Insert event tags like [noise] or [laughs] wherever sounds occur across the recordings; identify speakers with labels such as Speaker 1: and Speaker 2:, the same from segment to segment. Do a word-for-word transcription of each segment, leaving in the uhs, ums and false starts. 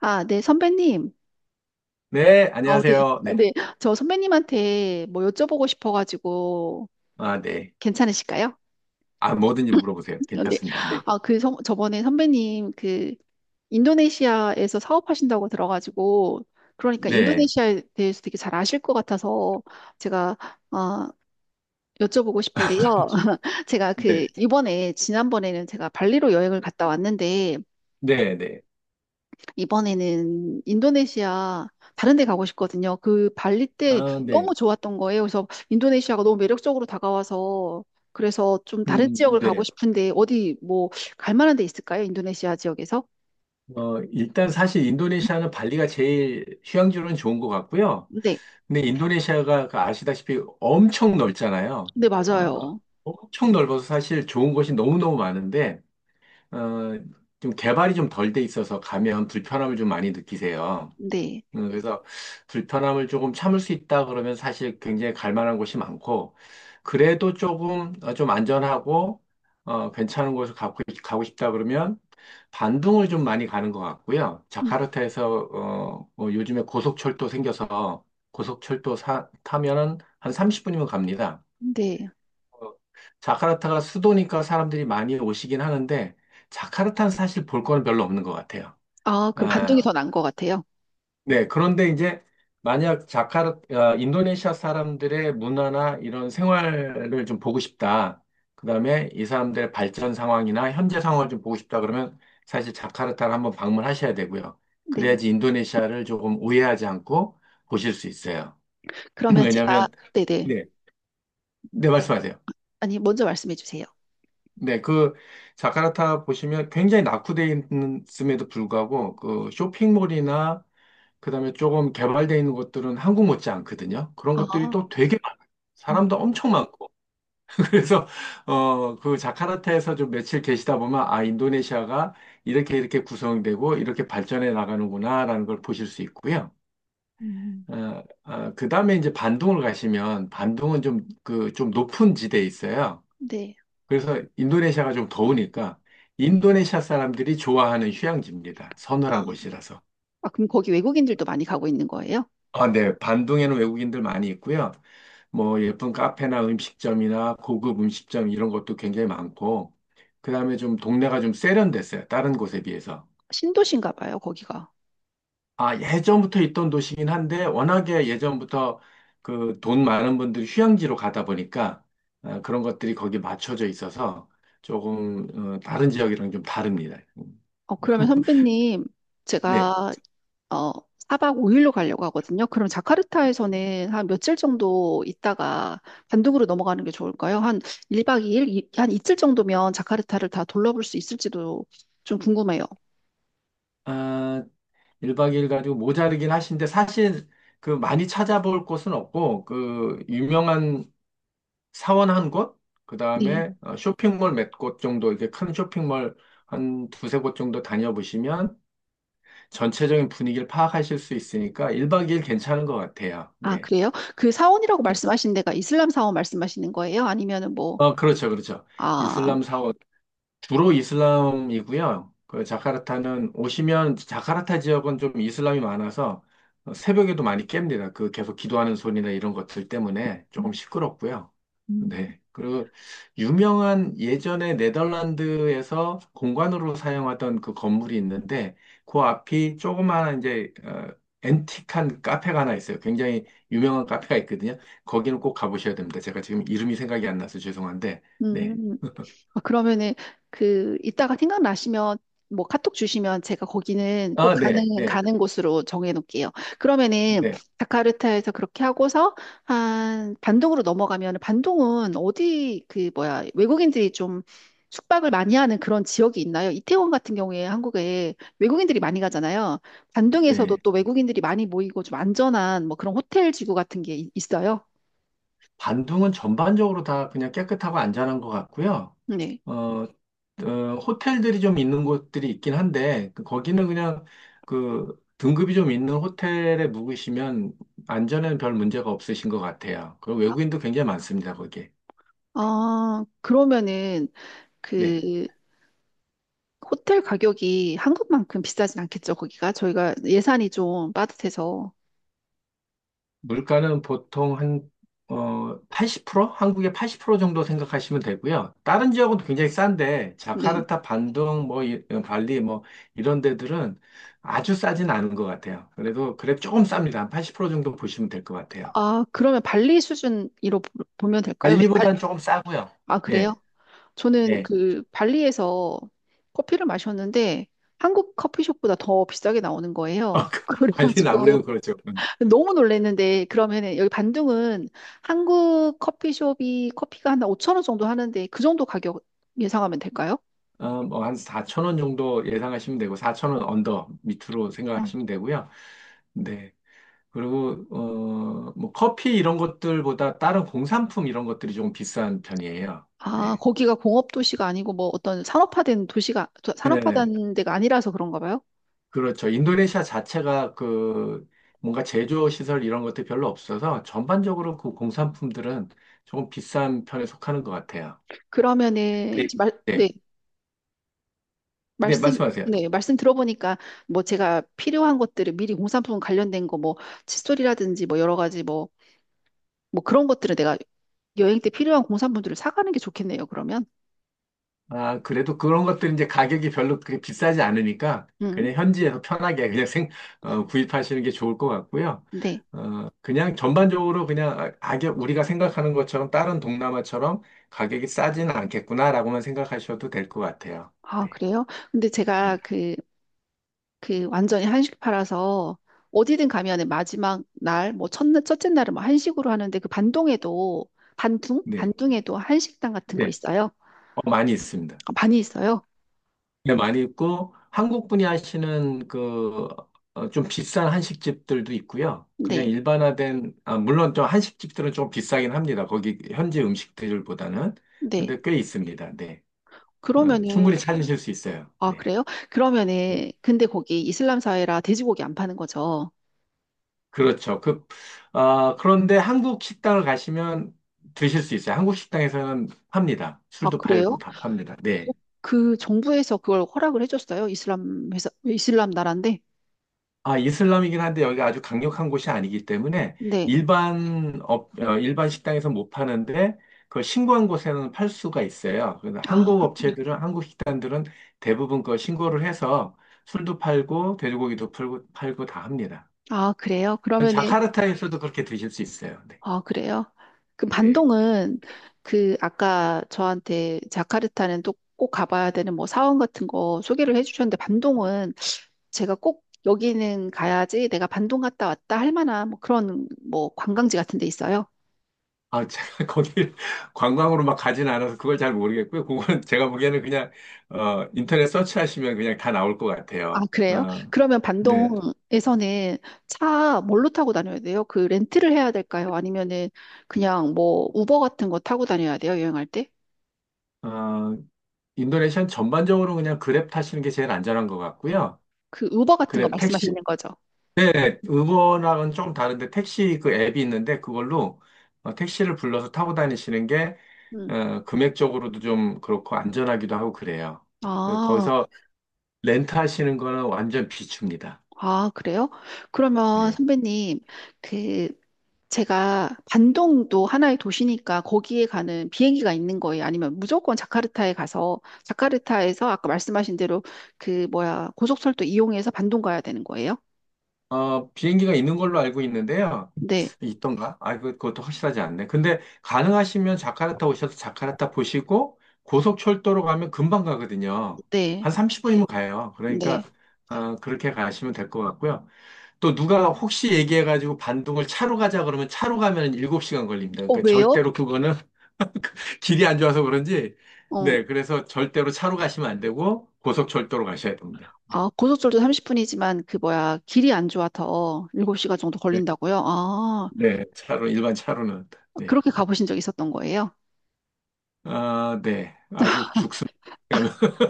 Speaker 1: 아, 네, 선배님.
Speaker 2: 네,
Speaker 1: 아, 네.
Speaker 2: 안녕하세요.
Speaker 1: 어,
Speaker 2: 네.
Speaker 1: 네. 저 선배님한테 뭐 여쭤보고 싶어가지고
Speaker 2: 아, 네.
Speaker 1: 괜찮으실까요?
Speaker 2: 아, 뭐든지 물어보세요.
Speaker 1: 근
Speaker 2: 괜찮습니다. 네.
Speaker 1: 아, 그 선- 저번에 선배님 그 인도네시아에서 사업하신다고 들어가지고, 그러니까
Speaker 2: 네.
Speaker 1: 인도네시아에 대해서 되게 잘 아실 것 같아서 제가 어, 여쭤보고 싶은데요. [laughs] 제가 그
Speaker 2: 네.
Speaker 1: 이번에 지난번에는 제가 발리로 여행을 갔다 왔는데,
Speaker 2: 네, 네.
Speaker 1: 이번에는 인도네시아 다른 데 가고 싶거든요. 그 발리 때
Speaker 2: 아, 네.
Speaker 1: 너무 좋았던 거예요. 그래서 인도네시아가 너무 매력적으로 다가와서, 그래서 좀 다른
Speaker 2: 음,
Speaker 1: 지역을 가고
Speaker 2: 네.
Speaker 1: 싶은데 어디 뭐 갈 만한 데 있을까요? 인도네시아 지역에서?
Speaker 2: 어, 일단 사실 인도네시아는 발리가 제일 휴양지로는 좋은 것 같고요.
Speaker 1: 네.
Speaker 2: 근데 인도네시아가 그 아시다시피 엄청 넓잖아요.
Speaker 1: 네,
Speaker 2: 어,
Speaker 1: 맞아요.
Speaker 2: 엄청 넓어서 사실 좋은 곳이 너무너무 많은데, 어, 좀 개발이 좀 덜돼 있어서 가면 불편함을 좀 많이 느끼세요.
Speaker 1: 네.
Speaker 2: 음, 그래서 불편함을 조금 참을 수 있다 그러면 사실 굉장히 갈 만한 곳이 많고, 그래도 조금, 어, 좀 안전하고, 어, 괜찮은 곳을 가고, 가고 싶다 그러면 반둥을 좀 많이 가는 것 같고요.
Speaker 1: 음,
Speaker 2: 자카르타에서, 어, 어, 요즘에 고속철도 생겨서 고속철도 사- 타면은 한 삼십 분이면 갑니다.
Speaker 1: 네.
Speaker 2: 어, 자카르타가 수도니까 사람들이 많이 오시긴 하는데, 자카르타는 사실 볼 거는 별로 없는 것 같아요.
Speaker 1: 아, 그럼 반동이
Speaker 2: 어,
Speaker 1: 더 난 것 같아요.
Speaker 2: 네, 그런데 이제 만약 자카르, 어, 인도네시아 사람들의 문화나 이런 생활을 좀 보고 싶다. 그다음에 이 사람들의 발전 상황이나 현재 상황을 좀 보고 싶다 그러면 사실 자카르타를 한번 방문하셔야 되고요.
Speaker 1: 네.
Speaker 2: 그래야지 인도네시아를 조금 오해하지 않고 보실 수 있어요. [clears throat]
Speaker 1: 그러면 제가
Speaker 2: 왜냐하면
Speaker 1: 네네.
Speaker 2: 네, 네 말씀하세요.
Speaker 1: 아니, 먼저 말씀해 주세요.
Speaker 2: 네, 그 자카르타 보시면 굉장히 낙후돼 있음에도 불구하고 그 쇼핑몰이나 그다음에 조금 개발되어 있는 곳들은 한국 못지 않거든요. 그런
Speaker 1: 아,
Speaker 2: 것들이 또 되게 많아요.
Speaker 1: 음,
Speaker 2: 사람도 엄청 많고. [laughs] 그래서 어, 그 자카르타에서 좀 며칠 계시다 보면 아, 인도네시아가 이렇게 이렇게 구성되고 이렇게 발전해 나가는구나라는 걸 보실 수 있고요.
Speaker 1: 음,
Speaker 2: 어, 어, 그다음에 이제 반둥을 가시면 반둥은 좀 그 좀 높은 지대에 있어요.
Speaker 1: 네.
Speaker 2: 그래서 인도네시아가 좀 더우니까 인도네시아 사람들이 좋아하는 휴양지입니다.
Speaker 1: 아,
Speaker 2: 서늘한 곳이라서.
Speaker 1: 아, 그럼 거기 외국인들도 많이 가고 있는 거예요?
Speaker 2: 아, 네. 반동에는 외국인들 많이 있고요. 뭐 예쁜 카페나 음식점이나 고급 음식점 이런 것도 굉장히 많고, 그다음에 좀 동네가 좀 세련됐어요. 다른 곳에 비해서.
Speaker 1: 신도시인가 봐요, 거기가.
Speaker 2: 아, 예전부터 있던 도시긴 한데 워낙에 예전부터 그 돈 많은 분들이 휴양지로 가다 보니까 아, 그런 것들이 거기 맞춰져 있어서 조금 어, 다른 지역이랑 좀 다릅니다.
Speaker 1: 어, 그러면
Speaker 2: [laughs]
Speaker 1: 선배님,
Speaker 2: 네.
Speaker 1: 제가 어, 사 박 오 일로 가려고 하거든요. 그럼 자카르타에서는 한 며칠 정도 있다가 반둥으로 넘어가는 게 좋을까요? 한 일 박 이 일, 이, 일, 이- 한 이틀 정도면 자카르타를 다 돌려볼 수 있을지도 좀 궁금해요.
Speaker 2: 아, 일 박 이 일 가지고 모자르긴 하신데 사실 그 많이 찾아볼 곳은 없고 그 유명한 사원 한 곳,
Speaker 1: 네.
Speaker 2: 그다음에 어, 쇼핑몰 몇 곳 정도 이렇게 큰 쇼핑몰 한 두세 곳 정도 다녀보시면 전체적인 분위기를 파악하실 수 있으니까 일 박 이 일 괜찮은 것 같아요.
Speaker 1: 아,
Speaker 2: 네.
Speaker 1: 그래요? 그 사원이라고 말씀하신 데가 이슬람 사원 말씀하시는 거예요? 아니면은 뭐,
Speaker 2: 어, 그렇죠. 그렇죠.
Speaker 1: 아,
Speaker 2: 이슬람 사원 주로 이슬람이고요. 그 자카르타는 오시면 자카르타 지역은 좀 이슬람이 많아서 어, 새벽에도 많이 깹니다. 그 계속 기도하는 소리나 이런 것들 때문에 조금 시끄럽고요.
Speaker 1: 음,
Speaker 2: 네. 그리고 유명한 예전에 네덜란드에서 공관으로 사용하던 그 건물이 있는데 그 앞이 조그마한 이제 어, 앤틱한 카페가 하나 있어요. 굉장히 유명한 카페가 있거든요. 거기는 꼭 가보셔야 됩니다. 제가 지금 이름이 생각이 안 나서 죄송한데. 네.
Speaker 1: 음, 아, 그러면은 그 이따가 생각나시면 뭐 카톡 주시면 제가 거기는 꼭
Speaker 2: 아,
Speaker 1: 가는
Speaker 2: 네, 네,
Speaker 1: 가는 곳으로 정해 놓을게요. 그러면은
Speaker 2: 네.
Speaker 1: 자카르타에서 그렇게 하고서 한 반동으로 넘어가면, 반동은 어디 그 뭐야, 외국인들이 좀 숙박을 많이 하는 그런 지역이 있나요? 이태원 같은 경우에 한국에 외국인들이 많이 가잖아요. 반동에서도
Speaker 2: 네,
Speaker 1: 또 외국인들이 많이 모이고 좀 안전한 뭐 그런 호텔 지구 같은 게 있- 있어요?
Speaker 2: 반둥은 전반적으로 다 그냥 깨끗하고 안전한 것 같고요.
Speaker 1: 네.
Speaker 2: 어, 어, 호텔들이 좀 있는 곳들이 있긴 한데, 그- 거기는 그냥 그 등급이 좀 있는 호텔에 묵으시면 안전에는 별 문제가 없으신 것 같아요. 그리고 외국인도 굉장히 많습니다, 거기에. 네.
Speaker 1: 아, 그러면은
Speaker 2: 네.
Speaker 1: 그 호텔 가격이 한국만큼 비싸진 않겠죠, 거기가? 저희가 예산이 좀 빠듯해서.
Speaker 2: 물가는 보통 한, 어, 팔십 퍼센트? 한국의 팔십 퍼센트 정도 생각하시면 되고요. 다른 지역은 굉장히 싼데,
Speaker 1: 네.
Speaker 2: 자카르타, 반둥, 뭐, 이- 발리, 뭐, 이런 데들은 아주 싸진 않은 것 같아요. 그래도, 그래, 조금 쌉니다. 한 팔십 퍼센트 정도 보시면 될 것 같아요.
Speaker 1: 아, 그러면 발리 수준으로 보- 보면 될까요? 왜냐- 발,
Speaker 2: 발리보단 조금 싸고요.
Speaker 1: 아,
Speaker 2: 예,
Speaker 1: 그래요? 저는
Speaker 2: 예.
Speaker 1: 그 발리에서 커피를 마셨는데 한국 커피숍보다 더 비싸게 나오는
Speaker 2: [laughs] 어,
Speaker 1: 거예요.
Speaker 2: 그
Speaker 1: [laughs]
Speaker 2: 발리는
Speaker 1: 그래가지고
Speaker 2: 아무래도 그렇죠. 음.
Speaker 1: 너무 놀랐는데, 그러면은 여기 반둥은 한국 커피숍이 커피가 한 오천 원 정도 하는데 그 정도 가격 예상하면 될까요?
Speaker 2: 어, 뭐, 한사천 원 정도 예상하시면 되고, 사천 원 언더 밑으로 생각하시면 되고요. 네. 그리고 어, 뭐 커피 이런 것들보다 다른 공산품 이런 것들이 조금 비싼 편이에요.
Speaker 1: 아,
Speaker 2: 네.
Speaker 1: 거기가 공업 도시가 아니고 뭐 어떤 산업화된 도시가
Speaker 2: 네,
Speaker 1: 산업화된 데가 아니라서 그런가 봐요.
Speaker 2: 그렇죠. 인도네시아 자체가 그 뭔가 제조 시설 이런 것들이 별로 없어서 전반적으로 그 공산품들은 조금 비싼 편에 속하는 것 같아요.
Speaker 1: 그러면은
Speaker 2: 네.
Speaker 1: 이제 말, 네,
Speaker 2: 네, 네,
Speaker 1: 말씀
Speaker 2: 말씀하세요.
Speaker 1: 네, 말씀 들어보니까, 뭐 제가 필요한 것들을 미리 공산품 관련된 거 뭐 칫솔이라든지 뭐 여러 가지 뭐 뭐 그런 것들을 내가, 여행 때 필요한 공산품들을 사가는 게 좋겠네요. 그러면.
Speaker 2: 아, 그래도 그런 것들은 이제 가격이 별로 그렇게 비싸지 않으니까
Speaker 1: 음.
Speaker 2: 그냥 현지에서 편하게 그냥 생, 어, 구입하시는 게 좋을 것 같고요.
Speaker 1: 네.
Speaker 2: 어, 그냥 전반적으로 그냥 아, 악역 우리가 생각하는 것처럼 다른 동남아처럼 가격이 싸지는 않겠구나라고만 생각하셔도 될 것 같아요.
Speaker 1: 아,
Speaker 2: 네.
Speaker 1: 그래요? 근데 제가
Speaker 2: 음,
Speaker 1: 그 그 완전히 한식 팔아서, 어디든 가면은 마지막 날, 뭐 첫날, 첫째 날은 뭐 한식으로 하는데, 그 반동에도, 반둥?
Speaker 2: 네.
Speaker 1: 반둥에도 한식당 같은 거
Speaker 2: 네.
Speaker 1: 있어요?
Speaker 2: 어, 많이 있습니다.
Speaker 1: 아, 많이 있어요.
Speaker 2: 네, 많이 있고 한국 분이 하시는 그 어, 좀 비싼 한식집들도 있고요. 그냥
Speaker 1: 네.
Speaker 2: 일반화된 아, 물론 좀 한식집들은 좀 비싸긴 합니다. 거기 현지 음식들보다는
Speaker 1: 네.
Speaker 2: 근데 꽤 있습니다. 네, 어,
Speaker 1: 그러면은
Speaker 2: 충분히 찾으실 수 있어요.
Speaker 1: 아,
Speaker 2: 네,
Speaker 1: 그래요?
Speaker 2: 네.
Speaker 1: 그러면은 근데 거기 이슬람 사회라 돼지고기 안 파는 거죠.
Speaker 2: 그렇죠. 그 아, 그런데 한국 식당을 가시면 드실 수 있어요. 한국 식당에서는 팝니다.
Speaker 1: 아,
Speaker 2: 술도
Speaker 1: 그래요?
Speaker 2: 팔고 다 팝니다.
Speaker 1: 어,
Speaker 2: 네.
Speaker 1: 그 정부에서 그걸 허락을 해줬어요? 이슬람 회사, 이슬람 나라인데.
Speaker 2: 아, 이슬람이긴 한데 여기가 아주 강력한 곳이 아니기 때문에
Speaker 1: 네.
Speaker 2: 일반 업, 어, 일반 식당에서 못 파는데 그걸 신고한 곳에는 팔 수가 있어요. 그래서
Speaker 1: 아,
Speaker 2: 한국 업체들은 한국 식당들은 대부분 그 신고를 해서 술도 팔고 돼지고기도 팔고 팔고 다 합니다.
Speaker 1: 아, 그래요? 그러면은
Speaker 2: 자카르타에서도 그렇게 드실 수 있어요. 네.
Speaker 1: 아, 그래요? 그
Speaker 2: 네.
Speaker 1: 반동은, 그 아까 저한테 자카르타는 또 꼭 가봐야 되는 뭐 사원 같은 거 소개를 해주셨는데, 반동은 제가 꼭 여기는 가야지, 내가 반동 갔다 왔다 할 만한 뭐 그런 뭐 관광지 같은 데 있어요?
Speaker 2: 아, 제가 [laughs] 거기 관광으로 막 가진 않아서 그걸 잘 모르겠고요. 그거는 제가 보기에는 그냥 어, 인터넷 서치하시면 그냥 다 나올 것
Speaker 1: 아,
Speaker 2: 같아요.
Speaker 1: 그래요?
Speaker 2: 어,
Speaker 1: 그러면
Speaker 2: 네.
Speaker 1: 반동에서는 차 뭘로 타고 다녀야 돼요? 그 렌트를 해야 될까요? 아니면은 그냥 뭐 우버 같은 거 타고 다녀야 돼요? 여행할 때?
Speaker 2: 인도네시아는 전반적으로 그냥 그랩 타시는 게 제일 안전한 것 같고요.
Speaker 1: 그 우버 같은 거
Speaker 2: 그랩 택시,
Speaker 1: 말씀하시는 거죠?
Speaker 2: 네, 우버랑은 좀 다른데 택시 그 앱이 있는데 그걸로 어, 택시를 불러서 타고 다니시는 게
Speaker 1: 음.
Speaker 2: 어, 금액적으로도 좀 그렇고 안전하기도 하고 그래요. 그-
Speaker 1: 아.
Speaker 2: 거기서 렌트하시는 거는 완전 비춥니다.
Speaker 1: 아, 그래요? 그러면
Speaker 2: 네.
Speaker 1: 선배님, 그, 제가 반동도 하나의 도시니까 거기에 가는 비행기가 있는 거예요? 아니면 무조건 자카르타에 가서, 자카르타에서 아까 말씀하신 대로 그, 뭐야, 고속철도 이용해서 반동 가야 되는 거예요?
Speaker 2: 어, 비행기가 있는 걸로 알고 있는데요.
Speaker 1: 네,
Speaker 2: 있던가? 아, 그- 그것도 확실하지 않네. 근데 가능하시면 자카르타 오셔서 자카르타 보시고 고속철도로 가면 금방 가거든요.
Speaker 1: 네,
Speaker 2: 한 삼십 분이면 가요. 그러니까
Speaker 1: 네.
Speaker 2: 어, 그렇게 가시면 될 것 같고요. 또 누가 혹시 얘기해가지고 반동을 차로 가자 그러면 차로 가면 일곱 시간 걸립니다.
Speaker 1: 어,
Speaker 2: 그러니까
Speaker 1: 왜요?
Speaker 2: 절대로 그거는 [laughs] 길이 안 좋아서 그런지
Speaker 1: 어,
Speaker 2: 네, 그래서 절대로 차로 가시면 안 되고 고속철도로 가셔야 됩니다. 네,
Speaker 1: 아, 고속철도 삼십 분이지만 그, 뭐야, 길이 안 좋아서 일곱 시간 정도
Speaker 2: 네,
Speaker 1: 걸린다고요? 아,
Speaker 2: 네, 차로 일반 차로는 네.
Speaker 1: 그렇게 가보신 적 있었던 거예요?
Speaker 2: 아, 네. 아주 죽습니다. [laughs]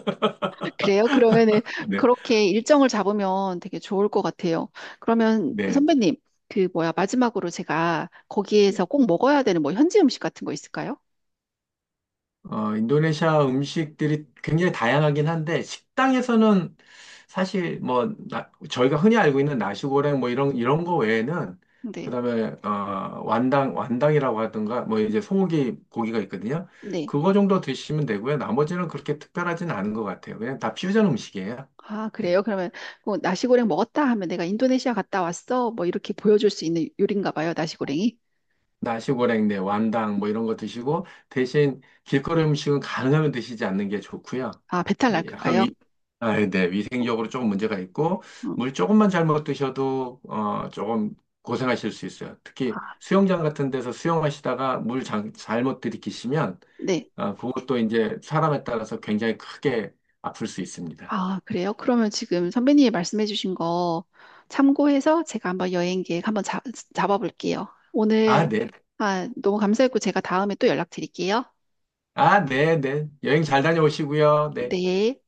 Speaker 1: 그래요? 그러면은
Speaker 2: 네.
Speaker 1: 그렇게 일정을 잡으면 되게 좋을 것 같아요. 그러면
Speaker 2: 네.
Speaker 1: 선배님, 그 뭐야, 마지막으로 제가 거기에서
Speaker 2: 네.
Speaker 1: 꼭 먹어야 되는 뭐 현지 음식 같은 거 있을까요?
Speaker 2: 어, 인도네시아 음식들이 굉장히 다양하긴 한데, 식당에서는 사실 뭐, 나- 저희가 흔히 알고 있는 나시고랭 뭐 이런, 이런 거 외에는, 그
Speaker 1: 네.
Speaker 2: 다음에, 어, 완당, 완당이라고 하던가, 뭐 이제 소고기 고기가 있거든요.
Speaker 1: 네.
Speaker 2: 그거 정도 드시면 되고요. 나머지는 그렇게 특별하진 않은 것 같아요. 그냥 다 퓨전 음식이에요.
Speaker 1: 아,
Speaker 2: 네.
Speaker 1: 그래요? 그러면 뭐 나시고랭 먹었다 하면 내가 인도네시아 갔다 왔어, 뭐 이렇게 보여줄 수 있는 요리인가 봐요, 나시고랭이.
Speaker 2: 나시고랭, 네, 완당 뭐 이런 거 드시고 대신 길거리 음식은 가능하면 드시지 않는 게 좋고요.
Speaker 1: 아, 배탈 날까
Speaker 2: 약간
Speaker 1: 봐요.
Speaker 2: 위, 아, 네,
Speaker 1: 어,
Speaker 2: 위생적으로 조금 문제가 있고
Speaker 1: 음.
Speaker 2: 물 조금만 잘못 드셔도 어, 조금 고생하실 수 있어요. 특히
Speaker 1: 아,
Speaker 2: 수영장 같은 데서 수영하시다가 물 잘, 잘못 들이키시면
Speaker 1: 네.
Speaker 2: 어, 그것도 이제 사람에 따라서 굉장히 크게 아플 수 있습니다.
Speaker 1: 아, 그래요? 그러면 지금 선배님이 말씀해 주신 거 참고해서 제가 한번 여행 계획 한번 잡, 잡아볼게요. 오늘
Speaker 2: 아, 네.
Speaker 1: 아, 너무 감사했고 제가 다음에 또 연락드릴게요.
Speaker 2: 아, 네, 네. 여행 잘 다녀오시고요. 네.
Speaker 1: 네.